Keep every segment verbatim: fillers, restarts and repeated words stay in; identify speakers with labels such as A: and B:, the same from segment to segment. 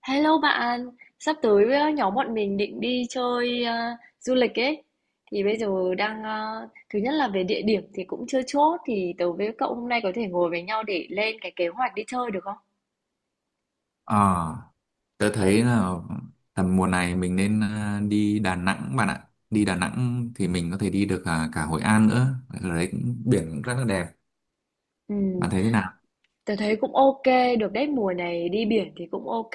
A: Hello bạn, sắp tới ờ, nhóm bọn mình định đi chơi ờ, du lịch ấy. Thì bây giờ đang ờ, thứ nhất là về địa điểm thì cũng chưa chốt thì tớ với cậu hôm nay có thể ngồi với nhau để lên cái kế hoạch đi chơi được không?
B: Ờ, tớ thấy là tầm mùa này mình nên à, đi Đà Nẵng bạn ạ. Đi Đà Nẵng thì mình có thể đi được à, cả Hội An nữa. Ở đấy cũng, biển cũng rất là đẹp.
A: Ừ,
B: Bạn thấy thế nào?
A: tớ thấy cũng ok, được đấy mùa này đi biển thì cũng ok.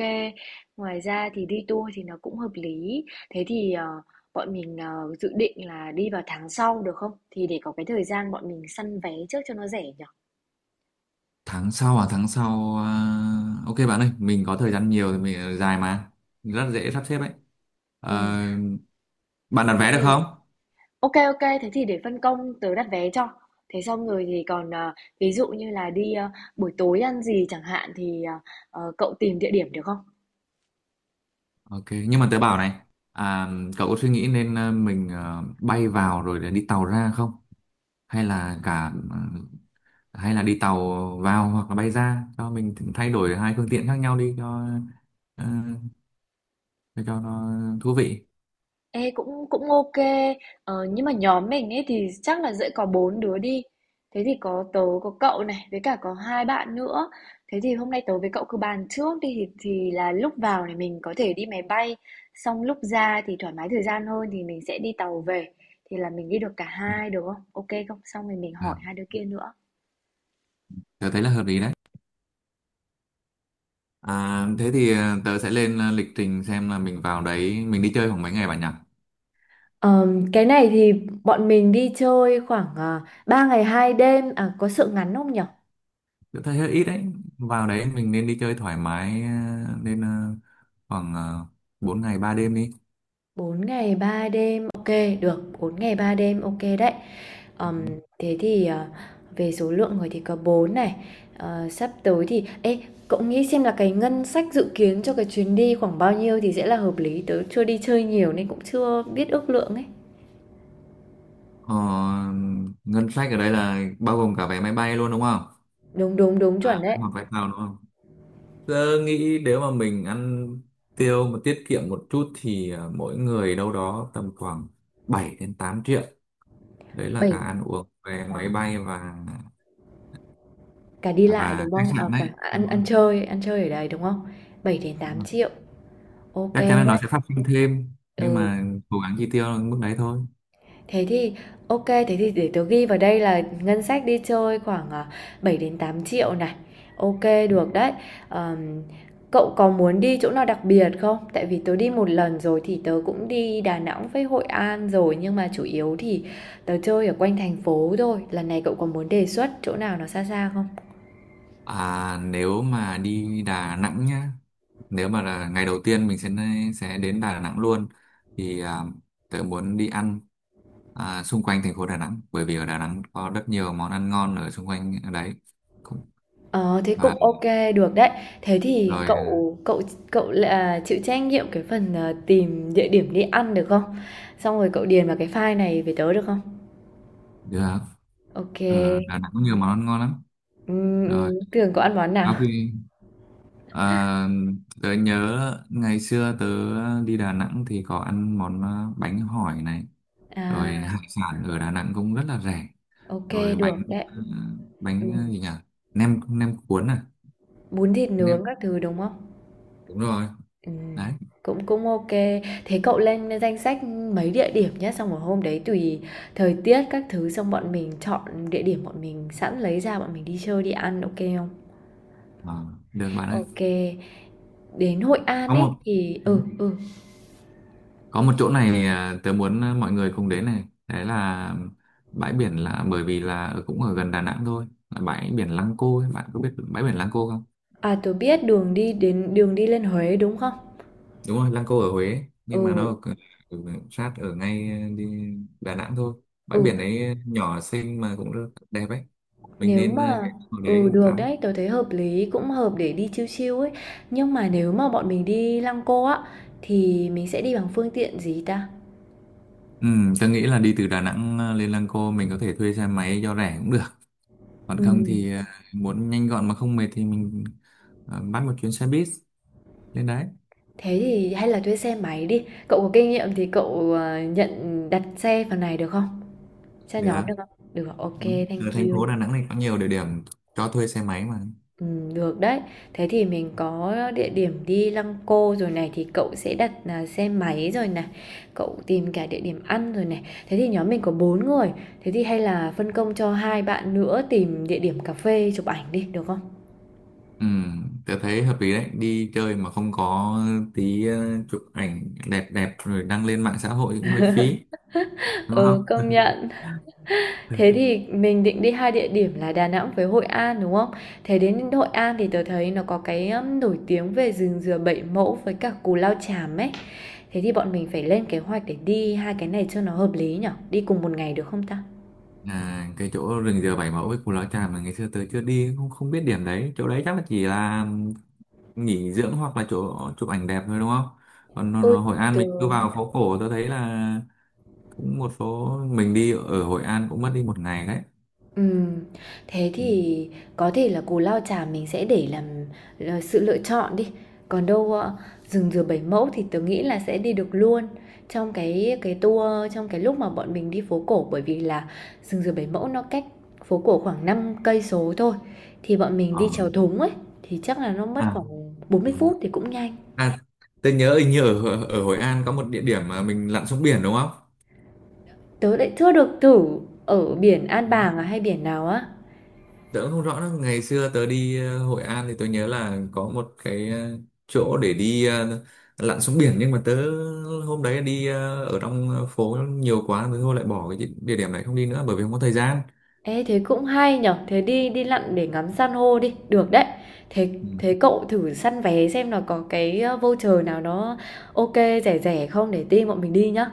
A: Ngoài ra thì đi tour thì nó cũng hợp lý. Thế thì ờ, bọn mình ờ, dự định là đi vào tháng sau được không? Thì để có cái thời gian bọn mình săn vé trước cho nó rẻ nhỉ?
B: Tháng sau à? Tháng sau... à, Ok bạn ơi, mình có thời gian nhiều thì mình ờ, dài mà. Rất dễ sắp xếp ấy.
A: Ừ,
B: Ờ, Bạn đặt
A: thế
B: vé được
A: thì
B: không?
A: OK OK. Thế thì để phân công tớ đặt vé cho. Thế xong rồi thì còn, ờ, ví dụ như là đi, ơ, buổi tối ăn gì chẳng hạn thì, ờ, ờ, cậu tìm địa điểm được không?
B: Ok, nhưng mà tớ bảo này, à, cậu có suy nghĩ nên ờ, mình ờ, bay vào rồi để đi tàu ra không? Hay là cả ờ, Hay là đi tàu vào hoặc là bay ra cho mình thay đổi hai phương tiện khác nhau đi cho ờ, cho, cho nó thú vị.
A: Ê, cũng cũng OK kê. Ờ, nhưng mà nhóm mình ấy thì chắc là sẽ có bốn đứa đi. Thế thì có tớ, có cậu này, với cả có hai bạn nữa. Thế thì hôm nay tớ với cậu cứ bàn trước đi thì thì là lúc vào này mình có thể đi máy bay, xong lúc ra thì thoải mái thời gian hơn thì mình sẽ đi tàu về. Thì là mình đi được cả
B: Ừ.
A: hai được không? OK không? Xong rồi mình
B: À,
A: hỏi hai đứa kia nữa.
B: tớ thấy là hợp lý đấy. À, thế thì ờ, tớ sẽ lên ờ, lịch trình xem là mình vào đấy mình đi chơi khoảng mấy ngày bạn nhỉ?
A: Ờm, cái này thì bọn mình đi chơi khoảng uh, ba ngày hai đêm à có sự ngắn không nhở
B: Tớ thấy hơi ít đấy. Vào đấy mình nên đi chơi thoải mái ờ, nên ờ, khoảng uh, bốn ngày ba đêm đi.
A: bốn ngày ba đêm ok được bốn ngày ba đêm ok đấy.
B: Ừ.
A: Ờm, thế thì ờ, về số lượng người thì có bốn này. Ờ, sắp tới thì ê cậu nghĩ xem là cái ngân sách dự kiến cho cái chuyến đi khoảng bao nhiêu thì sẽ là hợp lý, tớ chưa đi chơi nhiều nên cũng chưa biết ước lượng ấy.
B: Ờ, ngân sách ở đây là bao gồm cả vé máy bay luôn đúng không?
A: Đúng đúng đúng
B: À,
A: chuẩn
B: vé
A: đấy.
B: hoặc vé tàu đúng không? Tớ nghĩ nếu mà mình ăn tiêu mà tiết kiệm một chút thì à, mỗi người đâu đó tầm khoảng bảy đến tám triệu. Đấy là
A: Bảy
B: cả ăn uống, vé máy bay và
A: cả đi lại
B: và
A: đúng
B: khách
A: không, à,
B: sạn
A: cả
B: đấy, đúng
A: ăn
B: không?
A: ăn chơi ăn chơi ở đây đúng không? Bảy đến
B: Đúng
A: tám
B: rồi.
A: triệu. OK
B: Chắc chắn
A: đấy.
B: là nó sẽ phát sinh thêm nhưng
A: Ừ,
B: mà cố gắng chi tiêu ở mức đấy thôi.
A: thế thì OK, thế thì để tớ ghi vào đây là ngân sách đi chơi khoảng à, bảy đến tám triệu này. OK, được đấy. Ờm, cậu có muốn đi chỗ nào đặc biệt không? Tại vì tớ đi một lần rồi thì tớ cũng đi Đà Nẵng với Hội An rồi nhưng mà chủ yếu thì tớ chơi ở quanh thành phố thôi. Lần này cậu có muốn đề xuất chỗ nào nó xa xa không?
B: À, nếu mà đi Đà Nẵng nhá, nếu mà là ngày đầu tiên mình sẽ sẽ đến Đà Nẵng luôn thì à, tớ muốn đi ăn à, xung quanh thành phố Đà Nẵng, bởi vì ở Đà Nẵng có rất nhiều món ăn ngon ở xung quanh ở đấy cũng.
A: Ờ, thế cũng
B: Và
A: ok được đấy. Thế thì
B: rồi à,
A: cậu cậu cậu là chịu trách nhiệm cái phần, ờ, tìm địa điểm đi ăn được không? Xong rồi cậu điền vào cái file này về tớ được không?
B: được
A: Ok kê.
B: ở Đà Nẵng có nhiều món ăn ngon lắm.
A: Ừm,
B: Rồi
A: ừm, Tường ăn món nào?
B: sau khi à, tớ nhớ ngày xưa tớ đi Đà Nẵng thì có ăn món à, bánh hỏi này,
A: À,
B: rồi hải sản ở Đà Nẵng cũng rất là rẻ,
A: ok
B: rồi
A: được
B: bánh
A: đấy.
B: ờ, bánh
A: Ừm,
B: ờ, gì nhỉ, nem nem cuốn à,
A: bún thịt nướng
B: nem
A: các thứ, đúng không?
B: đúng rồi
A: Ừm,
B: đấy.
A: cũng cũng ok. Thế cậu lên danh sách mấy địa điểm nhé, xong rồi hôm đấy tùy thời tiết các thứ, xong bọn mình chọn địa điểm bọn mình sẵn lấy ra bọn mình đi chơi, đi ăn, ok không?
B: Ờ, Được bạn ơi.
A: Ok. Đến Hội An
B: có một
A: ấy thì
B: ừ,
A: ừ, ừ.
B: có một chỗ này, à, tớ muốn à, mọi người cùng đến này, đấy là bãi biển, là bởi vì là ở- cũng ở gần Đà Nẵng thôi, là bãi biển Lăng Cô ấy. Bạn có biết bãi biển Lăng Cô không?
A: À, tôi biết đường đi đến đường đi lên Huế đúng không?
B: Đúng rồi, Lăng Cô ở Huế, nhưng mà nó
A: Ừ,
B: ở, ở sát ở ngay à, đi Đà Nẵng thôi.
A: ừ,
B: Bãi biển ấy nhỏ xinh mà cũng rất đẹp ấy, mình
A: nếu
B: nên à,
A: mà
B: ghé vào
A: ừ
B: đấy
A: được
B: tắm.
A: đấy, tôi thấy hợp lý, cũng hợp để đi chill chill ấy. Nhưng mà nếu mà bọn mình đi Lăng Cô á thì mình sẽ đi bằng phương tiện gì ta?
B: Ừ, tôi nghĩ là đi từ Đà Nẵng ờ, lên Lăng Cô mình có thể thuê xe máy cho rẻ cũng được. Còn
A: Ừ,
B: không thì ờ, muốn nhanh gọn mà không mệt thì mình ờ, bắt một chuyến xe buýt lên đấy.
A: thế thì hay là thuê xe máy đi. Cậu có kinh nghiệm thì cậu ờ, nhận đặt xe phần này được không? Cho nhóm
B: Được.
A: được không? Được, ok,
B: Ừ.
A: thank
B: Ở thành
A: you.
B: phố Đà Nẵng này có nhiều địa điểm cho thuê xe máy mà.
A: Ừm, được đấy. Thế thì mình có địa điểm đi Lăng Cô rồi này thì cậu sẽ đặt, à, xe máy rồi này, cậu tìm cả địa điểm ăn rồi này. Thế thì nhóm mình có bốn người, thế thì hay là phân công cho hai bạn nữa tìm địa điểm cà phê chụp ảnh đi, được không?
B: Ừ, tôi thấy hợp lý đấy. Đi chơi mà không có tí ờ, chụp ảnh đẹp đẹp rồi đăng lên mạng xã hội cũng hơi phí. Đúng
A: Ừ, công Ừ
B: không?
A: nhận. Thế thì mình định đi hai địa điểm là Đà Nẵng với Hội An, đúng không? Thế đến Hội An thì tớ thấy nó có cái, ưm, nổi tiếng về rừng dừa Bảy Mẫu với cả Cù Lao Chàm ấy. Thế thì bọn mình phải lên kế hoạch để đi hai cái này cho nó hợp lý nhở? Đi cùng một ngày được không ta?
B: À, cái chỗ rừng dừa Bảy Mẫu với Cù Lao Chàm mà ngày xưa tới chưa đi, không không biết điểm đấy, chỗ đấy chắc là chỉ là nghỉ dưỡng hoặc là chỗ chụp ảnh đẹp thôi đúng không. Còn nó,
A: Ôi,
B: nó Hội An
A: tớ.
B: mình cứ vào phố cổ tôi thấy là cũng một số, mình đi ở Hội An cũng mất đi một ngày đấy.
A: Ừm, thế
B: Ừ.
A: thì có thể là cù lao chàm mình sẽ để làm là sự lựa chọn đi, còn đâu, ơ, rừng dừa Bảy Mẫu thì tớ nghĩ là sẽ đi được luôn trong cái cái tour trong cái lúc mà bọn mình đi phố cổ. Bởi vì là rừng dừa Bảy Mẫu nó cách phố cổ khoảng năm cây số thôi, thì bọn mình
B: ờ.
A: đi chèo thúng ấy, thì chắc là nó mất
B: à.
A: khoảng bốn mươi
B: Ừ.
A: phút thì cũng nhanh.
B: à tôi nhớ hình như ở ở Hội An có một địa điểm mà mình lặn xuống biển đúng không?
A: Tớ lại chưa được thử ở biển An
B: Ừ,
A: Bàng à hay biển nào á.
B: tớ cũng không rõ nữa. Ngày xưa tớ đi ờ, Hội An thì tôi nhớ là có một cái ờ, chỗ để đi ờ, lặn xuống biển, nhưng mà tớ hôm đấy đi ờ, ở trong phố nhiều quá, tớ thôi lại bỏ cái địa điểm này không đi nữa bởi vì không có thời gian.
A: Ê, thế cũng hay nhở, thế đi đi lặn để ngắm san hô đi, được đấy. Thế thế cậu thử săn vé xem là có cái ờ, voucher nào nó ok rẻ rẻ không để team bọn mình đi nhá.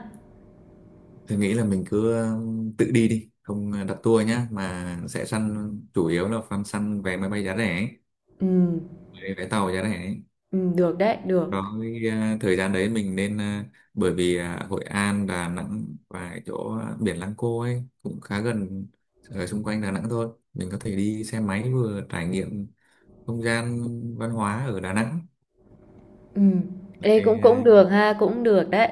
B: Tôi nghĩ là mình cứ ờ, tự đi đi, không ờ, đặt tour nhá, mà sẽ săn chủ yếu là săn săn vé máy bay giá rẻ, ấy,
A: Ừ,
B: vé vé tàu giá rẻ ấy.
A: ừ được đấy, được.
B: Đó, cái, ờ, thời gian đấy mình nên ờ, bởi vì ờ, Hội An, Đà Nẵng và cái chỗ ờ, biển Lăng Cô ấy cũng khá gần, ở xung quanh Đà Nẵng thôi. Mình có thể đi xe máy vừa trải nghiệm không gian văn hóa ở Đà Nẵng.
A: Ừ.
B: Đấy,
A: Ê cũng cũng
B: ờ,
A: được ha, cũng được đấy.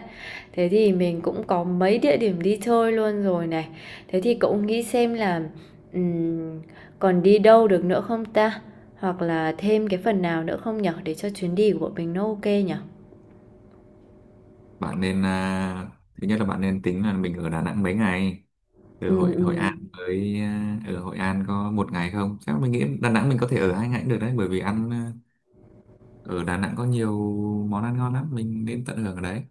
A: Thế thì mình cũng có mấy địa điểm đi chơi luôn rồi này. Thế thì cậu nghĩ xem là ừm, còn đi đâu được nữa không ta? Hoặc là thêm cái phần nào nữa không nhở để cho chuyến đi của bọn mình nó ok nhở?
B: bạn nên ờ, thứ nhất là bạn nên tính là mình ở Đà Nẵng mấy ngày, ở
A: Ừ
B: Hội
A: ừ.
B: Hội An với à, ở Hội An có một ngày không chắc, mình nghĩ Đà Nẵng mình có thể ở hai ngày cũng được đấy, bởi vì ăn à, ở Đà Nẵng có nhiều món ăn ngon lắm, mình nên tận hưởng ở đấy.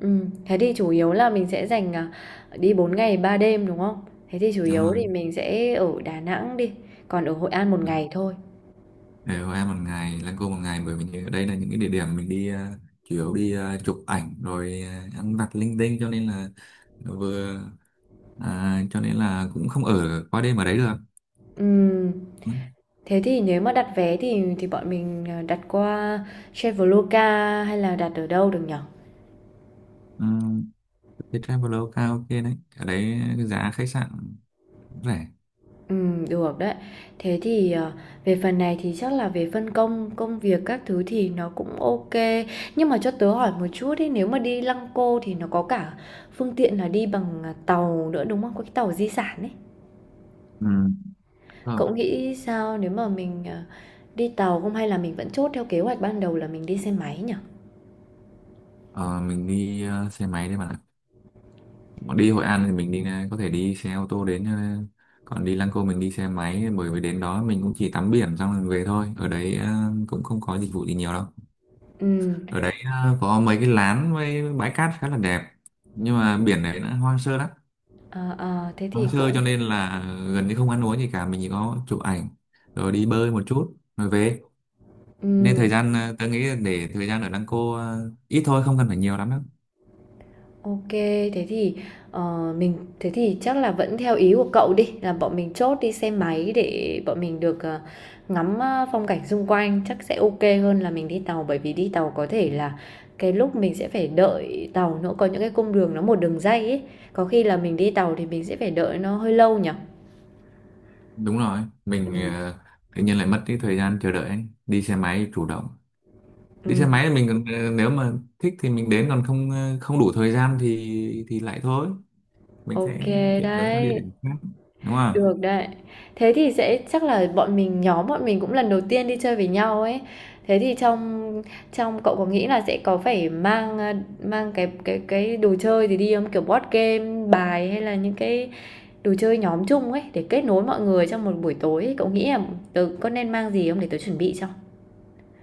A: Ừm, thế thì chủ yếu là mình sẽ dành, à, đi bốn ngày ba đêm, đúng không? Thế thì chủ
B: Đúng
A: yếu
B: rồi,
A: thì mình sẽ ở Đà Nẵng đi, còn ở Hội An một ngày thôi.
B: ở Hội An một ngày, Lăng Cô một ngày, bởi vì ở đây là những cái địa điểm mình đi à, chủ yếu đi à, chụp ảnh rồi à, ăn vặt linh tinh, cho nên là vừa à, cho nên là cũng không ở qua đêm ở đấy được.
A: Ừm,
B: Ừ.
A: thế thì nếu mà đặt vé thì thì bọn mình, ờ, đặt qua Traveloka hay là đặt ở đâu được nhở?
B: Ừ. Cái Traveloka ok đấy, ở đấy giá khách sạn rẻ.
A: Ừm, được đấy. Thế thì, ờ, về phần này thì chắc là về phân công công việc các thứ thì nó cũng ok. Nhưng mà cho tớ hỏi một chút ấy, nếu mà đi Lăng Cô thì nó có cả phương tiện là đi bằng, à, tàu nữa, đúng không? Có cái tàu di sản ấy.
B: Ừ. không.
A: Cậu nghĩ sao nếu mà mình, ờ, đi tàu không hay là mình vẫn chốt theo kế hoạch ban đầu là mình đi xe máy nhỉ?
B: Ờ, mình đi ờ, xe máy đấy bạn ạ. Bọn đi Hội An thì mình đi ờ, có thể đi xe ô tô đến ờ, còn đi Lăng Cô mình đi xe máy, bởi vì đến đó mình cũng chỉ tắm biển xong rồi về thôi. Ở đấy ờ, cũng không có dịch vụ gì nhiều đâu.
A: Ừ,
B: Ở đấy ờ, có mấy cái lán với bãi cát khá là đẹp. Nhưng mà biển đấy nó hoang sơ lắm.
A: ờ, ờ, thế
B: Hoang
A: thì
B: sơ cho
A: cũng
B: nên là gần như không ăn uống gì cả, mình chỉ có chụp ảnh rồi đi bơi một chút rồi về. Nên
A: ừ.
B: thời gian ờ, tôi nghĩ là để thời gian ở Lăng Cô ờ, ít thôi, không cần phải nhiều lắm đâu.
A: OK, thế thì, ờ, mình thế thì chắc là vẫn theo ý của cậu đi, là bọn mình chốt đi xe máy để bọn mình được, ờ, ngắm, a, phong cảnh xung quanh, chắc sẽ OK hơn là mình đi tàu. Bởi vì đi tàu có thể là cái lúc mình sẽ phải đợi tàu nữa, có những cái cung đường nó một đường ray ấy, có khi là mình đi tàu thì mình sẽ phải đợi nó hơi lâu nhỉ?
B: Đúng rồi, mình
A: Ừm,
B: ờ, tự nhiên lại mất cái thời gian chờ đợi ấy. Đi xe máy chủ động. Đi xe
A: ừm.
B: máy thì mình còn, ờ, nếu mà thích thì mình đến, còn không ờ, không đủ thời gian thì thì lại thôi, mình
A: OK
B: sẽ chuyển đến các địa
A: đấy,
B: điểm khác đúng không.
A: được đấy. Thế thì sẽ chắc là bọn mình nhóm bọn mình cũng lần đầu tiên đi chơi với nhau ấy. Thế thì trong trong cậu có nghĩ là sẽ có phải mang à, mang cái cái cái đồ chơi gì đi không? Kiểu board game, bài hay là những cái đồ chơi nhóm chung ấy để kết nối mọi người trong một buổi tối ấy. Cậu nghĩ là tớ có nên mang gì không để tớ chuẩn bị cho?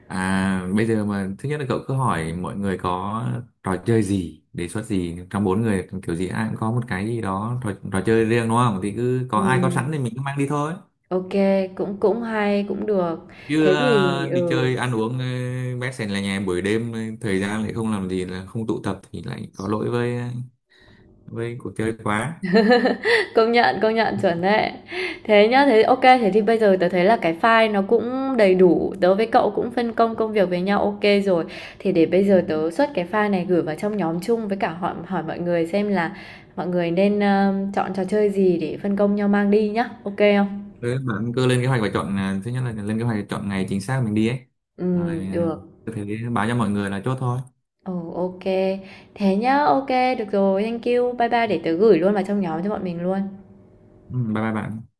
B: à Bây giờ mà thứ nhất là cậu cứ hỏi mọi người có trò chơi gì đề xuất gì, trong bốn người kiểu gì ai cũng có một cái gì đó trò, trò chơi riêng đúng không, thì cứ có ai có sẵn
A: Ừm,
B: thì mình cứ mang đi thôi.
A: ok, cũng cũng hay, cũng được.
B: Chứ
A: Thế thì
B: ờ, đi
A: ừ.
B: chơi ăn uống ờ, bét sèn là nhà buổi đêm ờ, thời gian lại không làm gì là không tụ tập thì lại có lỗi với ờ, với cuộc chơi quá.
A: Công nhận, công nhận, chuẩn đấy. Thế nhá, thế ok thế thì bây giờ tớ thấy là cái file nó cũng đầy đủ, tớ với cậu cũng phân công công việc với nhau ok rồi. Thì để bây
B: Ừ.
A: giờ tớ xuất cái file này gửi vào trong nhóm chung với cả hỏi hỏi mọi người xem là mọi người nên, ờ, chọn trò chơi gì để phân công nhau mang đi nhá, ok không?
B: Thế bạn cứ lên kế hoạch và chọn ờ, thứ nhất là lên kế hoạch và chọn ngày chính xác mình đi ấy, rồi
A: Ừm,
B: ờ,
A: được.
B: cứ thế báo cho mọi người là chốt thôi.
A: Ừ, ok. Thế nhá, ok được rồi, thank you. Bye bye, để tớ gửi luôn vào trong nhóm cho bọn mình luôn.
B: Ừ, bye bye bạn.